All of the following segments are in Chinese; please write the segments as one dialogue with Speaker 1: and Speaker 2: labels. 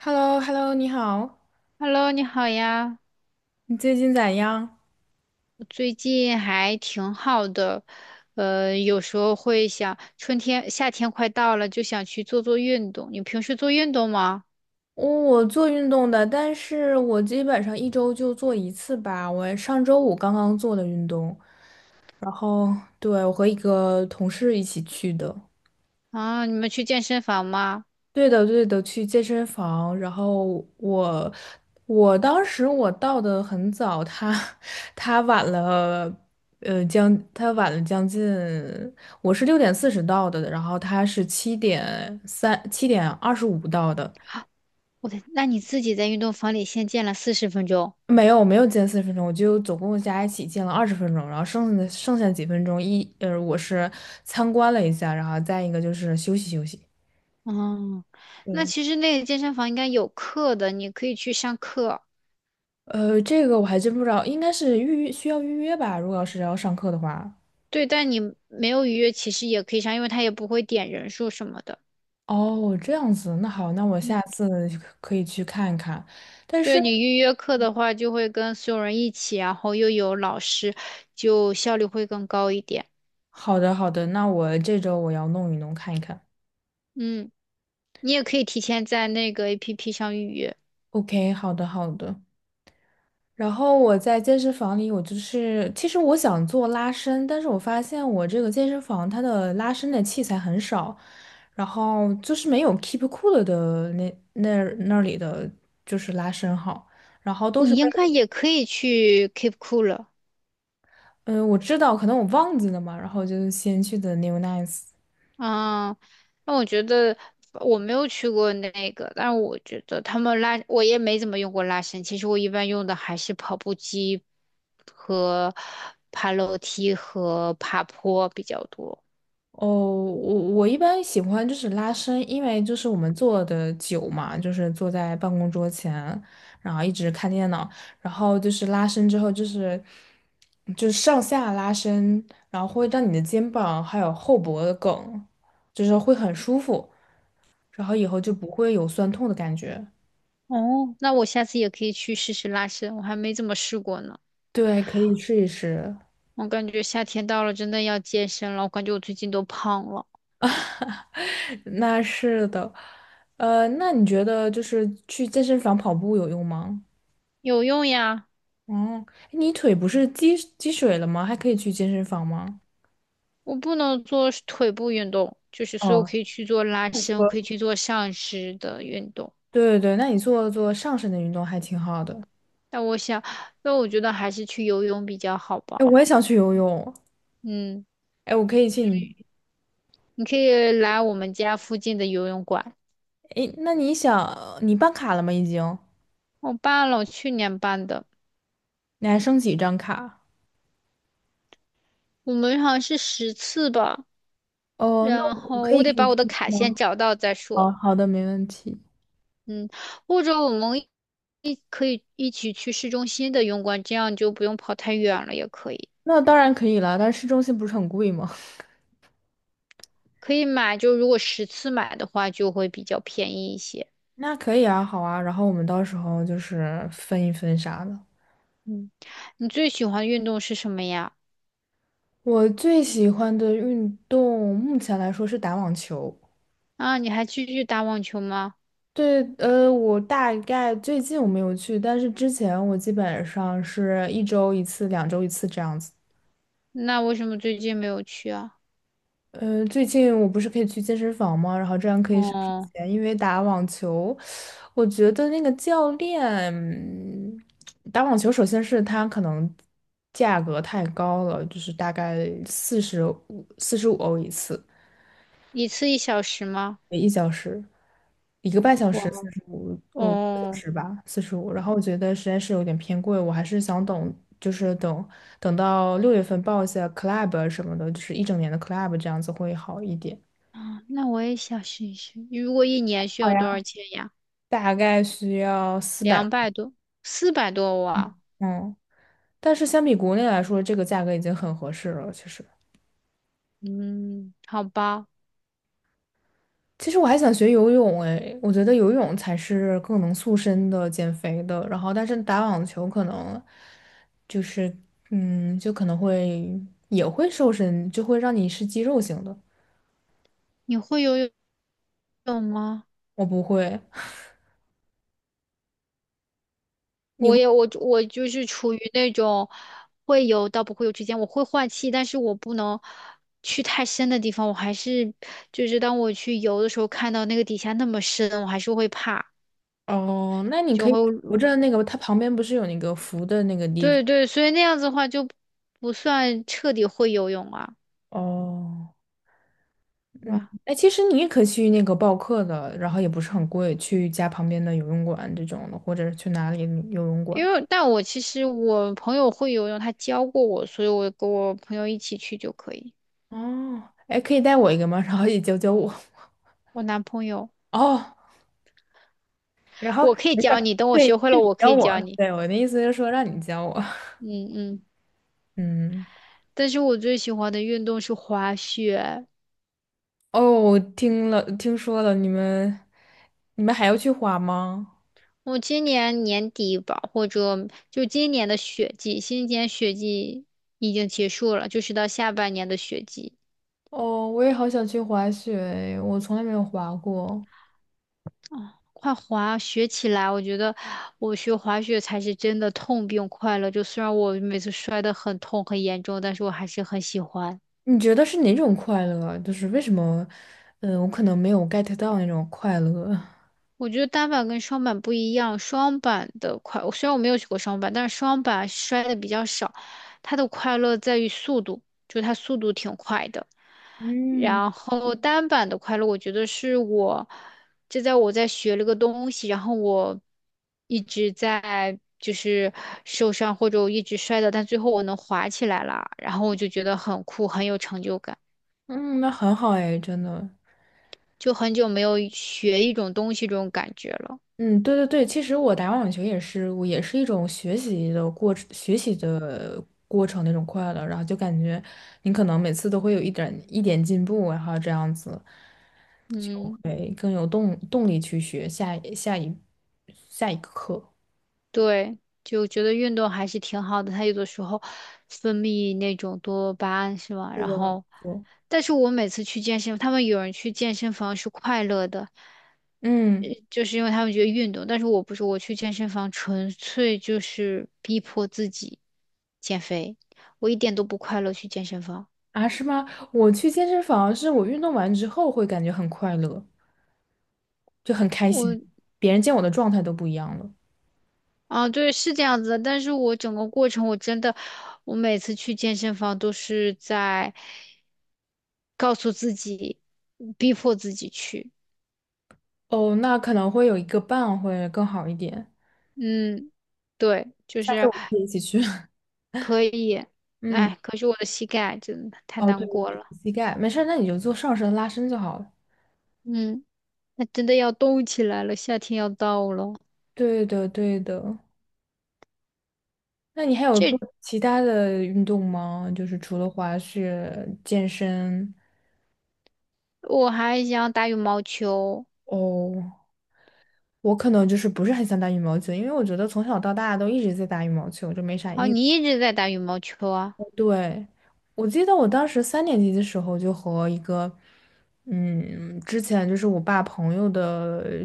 Speaker 1: h e l l o h e l l o 你好，
Speaker 2: Hello，你好呀，
Speaker 1: 你最近咋样？
Speaker 2: 我最近还挺好的，有时候会想，春天、夏天快到了，就想去做做运动。你平时做运动吗？
Speaker 1: 我做运动的，但是我基本上一周就做一次吧。我上周五刚刚做的运动，然后对，我和一个同事一起去的。
Speaker 2: 啊，你们去健身房吗？
Speaker 1: 对的，对的，去健身房。然后我我当时我到的很早，他 他晚了，将他晚了将近，我是6:40到的，然后他是七点二十五到的。
Speaker 2: 我的，那你自己在运动房里先健了40分钟。
Speaker 1: 没有没有，见40分钟，我就总共加一起见了20分钟，然后剩下几分钟我是参观了一下，然后再一个就是休息休息。
Speaker 2: 嗯，那
Speaker 1: 对，
Speaker 2: 其实那个健身房应该有课的，你可以去上课。
Speaker 1: 这个我还真不知道，应该是预约，需要预约吧？如果要是要上课的话，
Speaker 2: 对，但你没有预约，其实也可以上，因为他也不会点人数什么的。
Speaker 1: 哦，这样子，那好，那我下次可以去看一看。但是，
Speaker 2: 对你预约课的话，就会跟所有人一起，然后又有老师，就效率会更高一点。
Speaker 1: 好的好的，那我这周我要弄一弄看一看。
Speaker 2: 嗯，你也可以提前在那个 APP 上预约，
Speaker 1: OK，好的好的。然后我在健身房里，我就是，其实我想做拉伸，但是我发现我这个健身房它的拉伸的器材很少，然后就是没有 Keep Cool 的那里的就是拉伸好，然后都是
Speaker 2: 你
Speaker 1: 被
Speaker 2: 应该也可以去 Keep Cool 了。
Speaker 1: 嗯、我知道可能我忘记了嘛，然后就先去的 New Nice。
Speaker 2: 嗯，那我觉得我没有去过那个，但是我觉得他们拉，我也没怎么用过拉伸。其实我一般用的还是跑步机和爬楼梯和爬坡比较多。
Speaker 1: 哦，我一般喜欢就是拉伸，因为就是我们坐的久嘛，就是坐在办公桌前，然后一直看电脑，然后就是拉伸之后就是上下拉伸，然后会让你的肩膀还有后脖的梗，就是会很舒服，然后以后就不会有酸痛的感觉。
Speaker 2: 哦，那我下次也可以去试试拉伸，我还没怎么试过呢。
Speaker 1: 对，可以试一试。
Speaker 2: 我感觉夏天到了，真的要健身了。我感觉我最近都胖了，
Speaker 1: 那是的，那你觉得就是去健身房跑步有用吗？
Speaker 2: 有用呀。
Speaker 1: 哦，你腿不是积水了吗？还可以去健身房吗？
Speaker 2: 我不能做腿部运动，就是所以我
Speaker 1: 哦，
Speaker 2: 可以去做拉
Speaker 1: 他
Speaker 2: 伸，我
Speaker 1: 说
Speaker 2: 可以去做上肢的运动。
Speaker 1: 对对对，那你做做上身的运动还挺好的。
Speaker 2: 但我想，那我觉得还是去游泳比较好
Speaker 1: 哎，
Speaker 2: 吧。
Speaker 1: 我也想去游泳。
Speaker 2: 嗯，
Speaker 1: 哎，我可以去你。
Speaker 2: 你可以来我们家附近的游泳馆，
Speaker 1: 哎，那你想你办卡了吗？已经？
Speaker 2: 我办了，我去年办的，
Speaker 1: 你还剩几张卡？
Speaker 2: 我们好像是十次吧。
Speaker 1: 哦，那
Speaker 2: 然
Speaker 1: 我
Speaker 2: 后
Speaker 1: 可
Speaker 2: 我
Speaker 1: 以给
Speaker 2: 得
Speaker 1: 你
Speaker 2: 把我的
Speaker 1: 寄
Speaker 2: 卡先
Speaker 1: 吗？
Speaker 2: 找到再
Speaker 1: 好
Speaker 2: 说。
Speaker 1: 好的，没问题。
Speaker 2: 嗯，或者我们一可以一起去市中心的泳馆，这样你就不用跑太远了，也可以。
Speaker 1: 那当然可以了，但是市中心不是很贵吗？
Speaker 2: 可以买，就如果十次买的话，就会比较便宜一些。
Speaker 1: 那可以啊，好啊。然后我们到时候就是分一分啥的。
Speaker 2: 嗯，你最喜欢的运动是什么呀？
Speaker 1: 我最喜欢的运动目前来说是打网球。
Speaker 2: 啊，你还继续打网球吗？
Speaker 1: 对，我大概最近我没有去，但是之前我基本上是一周一次、两周一次这样子。
Speaker 2: 那为什么最近没有去啊？
Speaker 1: 最近我不是可以去健身房吗？然后这样可以省
Speaker 2: 哦，
Speaker 1: 钱，因为打网球，我觉得那个教练，嗯打网球首先是他可能价格太高了，就是大概四十五、45欧一次。
Speaker 2: 一次一小时吗？
Speaker 1: 一小时，一个半小
Speaker 2: 哇，
Speaker 1: 时，四十五，一个小
Speaker 2: 哦，
Speaker 1: 时吧，四十五。然后我觉得实在是有点偏贵，我还是想等，就是等到6月份报一下 club 什么的，就是一整年的 club 这样子会好一点。
Speaker 2: 啊，那我也想试一试。如果一年需
Speaker 1: 好
Speaker 2: 要
Speaker 1: 呀。
Speaker 2: 多少钱呀？
Speaker 1: 大概需要400，
Speaker 2: 200多，400多哇。
Speaker 1: 嗯，但是相比国内来说，这个价格已经很合适了，其实。
Speaker 2: 嗯，好吧。
Speaker 1: 其实我还想学游泳诶，我觉得游泳才是更能塑身的、减肥的。然后，但是打网球可能就是，就可能会也会瘦身，就会让你是肌肉型的。
Speaker 2: 你会游泳？懂吗？
Speaker 1: 我不会，你
Speaker 2: 我
Speaker 1: 会
Speaker 2: 也我就我是处于那种会游到不会游之间，我会换气，但是我不能去太深的地方，我还是就是当我去游的时候，看到那个底下那么深，我还是会怕，
Speaker 1: 哦？那你
Speaker 2: 就
Speaker 1: 可以
Speaker 2: 会
Speaker 1: 扶着那个，它旁边不是有那个扶的那个地方？
Speaker 2: 对对，所以那样子的话就不算彻底会游泳啊，
Speaker 1: 哦，
Speaker 2: 对
Speaker 1: 嗯，
Speaker 2: 吧？
Speaker 1: 哎，其实你也可以去那个报课的，然后也不是很贵，去家旁边的游泳馆这种的，或者去哪里游泳馆。
Speaker 2: 因为但我其实我朋友会游泳，他教过我，所以我跟我朋友一起去就可以。
Speaker 1: 哦，哎，可以带我一个吗？然后也教教我。
Speaker 2: 我男朋友，
Speaker 1: 哦，然后
Speaker 2: 我可以
Speaker 1: 没事
Speaker 2: 教
Speaker 1: 儿，
Speaker 2: 你，等我
Speaker 1: 对，
Speaker 2: 学会
Speaker 1: 是
Speaker 2: 了，
Speaker 1: 你
Speaker 2: 我可
Speaker 1: 教
Speaker 2: 以
Speaker 1: 我。
Speaker 2: 教你。
Speaker 1: 对，我的意思是说让你教我。
Speaker 2: 嗯嗯。
Speaker 1: 嗯，
Speaker 2: 但是我最喜欢的运动是滑雪。
Speaker 1: 哦，我听了，听说了，你们，你们还要去滑吗？
Speaker 2: 我今年年底吧，或者就今年的雪季，今年雪季已经结束了，就是到下半年的雪季，
Speaker 1: 哦，我也好想去滑雪，我从来没有滑过。
Speaker 2: 快滑雪起来。我觉得我学滑雪才是真的痛并快乐。就虽然我每次摔得很痛很严重，但是我还是很喜欢。
Speaker 1: 你觉得是哪种快乐啊，就是为什么，我可能没有 get 到那种快乐。
Speaker 2: 我觉得单板跟双板不一样，双板的快，虽然我没有学过双板，但是双板摔的比较少，它的快乐在于速度，就是它速度挺快的。
Speaker 1: 嗯
Speaker 2: 然后单板的快乐，我觉得是我，这在我在学了个东西，然后我一直在就是受伤或者我一直摔的，但最后我能滑起来了，然后我就觉得很酷，很有成就感，
Speaker 1: 嗯，那很好哎，真的。
Speaker 2: 就很久没有学一种东西这种感觉了。
Speaker 1: 嗯，对对对，其实我打网球也是，我也是一种学习的过程，学习的过程那种快乐，然后就感觉你可能每次都会有一点一点进步，然后这样子就
Speaker 2: 嗯。
Speaker 1: 会更有动力去学下一个课。
Speaker 2: 对，就觉得运动还是挺好的，他有的时候分泌那种多巴胺是吧？
Speaker 1: 这
Speaker 2: 然
Speaker 1: 个怎么
Speaker 2: 后，
Speaker 1: 说。
Speaker 2: 但是我每次去健身，他们有人去健身房是快乐的，
Speaker 1: 嗯
Speaker 2: 就是因为他们觉得运动，但是我不是，我去健身房纯粹就是逼迫自己减肥，我一点都不快乐去健身房。
Speaker 1: 啊，是吗？我去健身房是我运动完之后会感觉很快乐，就很开心，
Speaker 2: 我。
Speaker 1: 别人见我的状态都不一样了。
Speaker 2: 啊，对，是这样子的，但是我整个过程我真的，我每次去健身房都是在告诉自己，逼迫自己去。
Speaker 1: 哦，那可能会有一个伴会更好一点。
Speaker 2: 嗯，对，就
Speaker 1: 下次
Speaker 2: 是
Speaker 1: 我们可以一起去。
Speaker 2: 可以，
Speaker 1: 嗯，
Speaker 2: 哎，可是我的膝盖真的太
Speaker 1: 哦，对，
Speaker 2: 难过
Speaker 1: 对
Speaker 2: 了。
Speaker 1: 膝盖没事儿，那你就做上身拉伸就好了。
Speaker 2: 嗯，那真的要动起来了，夏天要到了。
Speaker 1: 对的，对的。那你还有做
Speaker 2: 这
Speaker 1: 其他的运动吗？就是除了滑雪、健身。
Speaker 2: 我还想打羽毛球，
Speaker 1: 哦，我可能就是不是很想打羽毛球，因为我觉得从小到大都一直在打羽毛球，就没啥
Speaker 2: 好，
Speaker 1: 意思。
Speaker 2: 你一直在打羽毛球啊？
Speaker 1: 对，我记得我当时3年级的时候就和一个，嗯，之前就是我爸朋友的，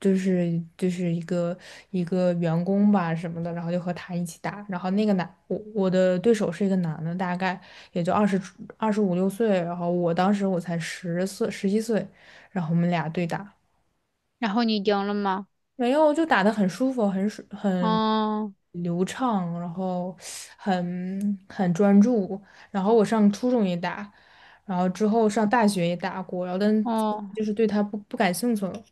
Speaker 1: 就是一个员工吧什么的，然后就和他一起打，然后那个男，我的对手是一个男的，大概也就25、6岁，然后我当时我才10岁，11岁，然后我们俩对打。
Speaker 2: 然后你赢了吗？
Speaker 1: 没有，就打得很舒服，很
Speaker 2: 哦
Speaker 1: 流畅，然后很专注。然后我上初中也打，然后之后上大学也打过，然后但
Speaker 2: 哦。
Speaker 1: 就是对它不感兴趣了。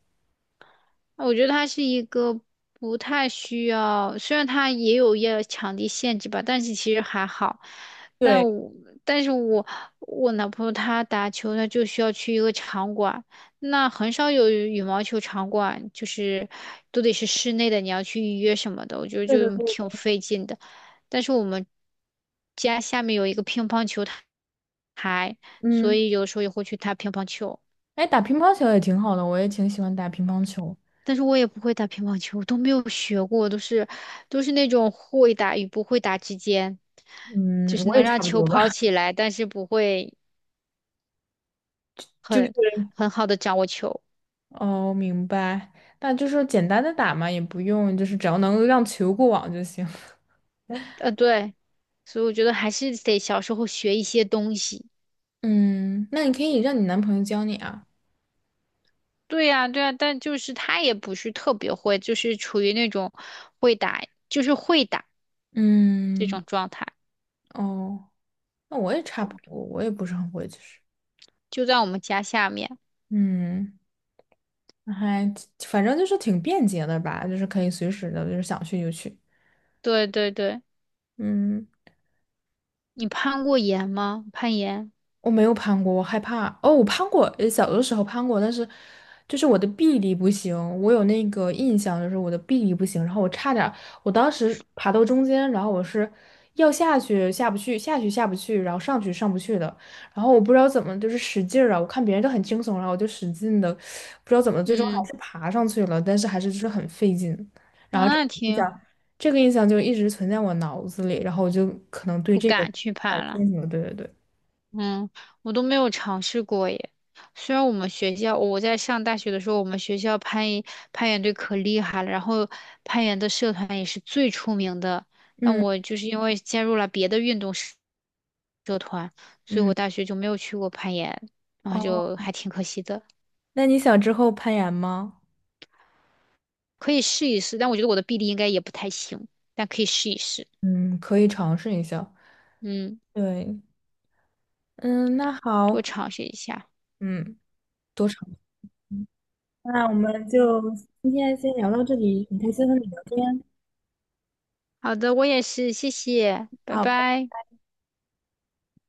Speaker 2: 我觉得它是一个不太需要，虽然它也有要场地限制吧，但是其实还好。但
Speaker 1: 对，
Speaker 2: 我但是我我男朋友他打球，他就需要去一个场馆，那很少有羽毛球场馆，就是都得是室内的，你要去预约什么的，我觉得
Speaker 1: 对的，
Speaker 2: 就
Speaker 1: 对
Speaker 2: 挺
Speaker 1: 的。
Speaker 2: 费劲的。但是我们家下面有一个乒乓球台，所
Speaker 1: 嗯，
Speaker 2: 以有时候也会去打乒乓球。
Speaker 1: 哎，打乒乓球也挺好的，我也挺喜欢打乒乓球。
Speaker 2: 但是我也不会打乒乓球，我都没有学过，都是那种会打与不会打之间，就
Speaker 1: 嗯，
Speaker 2: 是
Speaker 1: 我
Speaker 2: 能
Speaker 1: 也
Speaker 2: 让
Speaker 1: 差不
Speaker 2: 球
Speaker 1: 多吧。
Speaker 2: 跑 起来，但是不会
Speaker 1: 就是
Speaker 2: 很很好的掌握球。
Speaker 1: 哦，明白。那就是简单的打嘛，也不用，就是只要能让球过网就行。
Speaker 2: 呃，对，所以我觉得还是得小时候学一些东西。
Speaker 1: 嗯，那你可以让你男朋友教你啊。
Speaker 2: 对呀，对呀，但就是他也不是特别会，就是处于那种会打，就是会打这
Speaker 1: 嗯。
Speaker 2: 种状态，
Speaker 1: 哦，那我也差不多，我也不是很会，其实，
Speaker 2: 就在我们家下面。
Speaker 1: 嗯，那还反正就是挺便捷的吧，就是可以随时的，就是想去就去，
Speaker 2: 对对对，
Speaker 1: 嗯，
Speaker 2: 你攀过岩吗？攀岩？
Speaker 1: 我没有攀过，我害怕。哦，我攀过，小的时候攀过，但是就是我的臂力不行，我有那个印象，就是我的臂力不行，然后我差点儿，我当时爬到中间，然后我是要下去下不去，下去下不去，然后上去上不去的，然后我不知道怎么就是使劲儿啊，我看别人都很轻松，然后我就使劲的，不知道怎么最终还
Speaker 2: 嗯，
Speaker 1: 是爬上去了，但是还是就是很费劲，然后这
Speaker 2: 啊
Speaker 1: 个
Speaker 2: 那
Speaker 1: 印
Speaker 2: 挺。
Speaker 1: 象，这个印象就一直存在我脑子里，然后我就可能对
Speaker 2: 不
Speaker 1: 这个
Speaker 2: 敢去
Speaker 1: 很
Speaker 2: 攀了。
Speaker 1: 清楚，对对对，
Speaker 2: 嗯，我都没有尝试过耶。虽然我们学校，我在上大学的时候，我们学校攀岩队可厉害了，然后攀岩的社团也是最出名的。但
Speaker 1: 嗯
Speaker 2: 我就是因为加入了别的运动社，所以
Speaker 1: 嗯。
Speaker 2: 我大学就没有去过攀岩，然后就
Speaker 1: 哦，
Speaker 2: 还挺可惜的。
Speaker 1: 那你想之后攀岩吗？
Speaker 2: 可以试一试，但我觉得我的臂力应该也不太行，但可以试一试。
Speaker 1: 嗯，可以尝试一下。
Speaker 2: 嗯，
Speaker 1: 对，嗯，那
Speaker 2: 多
Speaker 1: 好，
Speaker 2: 尝试一下。
Speaker 1: 嗯，多尝试。那我们就今天先聊到这里，很开心和你聊天。
Speaker 2: 好的，我也是，谢谢，拜
Speaker 1: 好，
Speaker 2: 拜。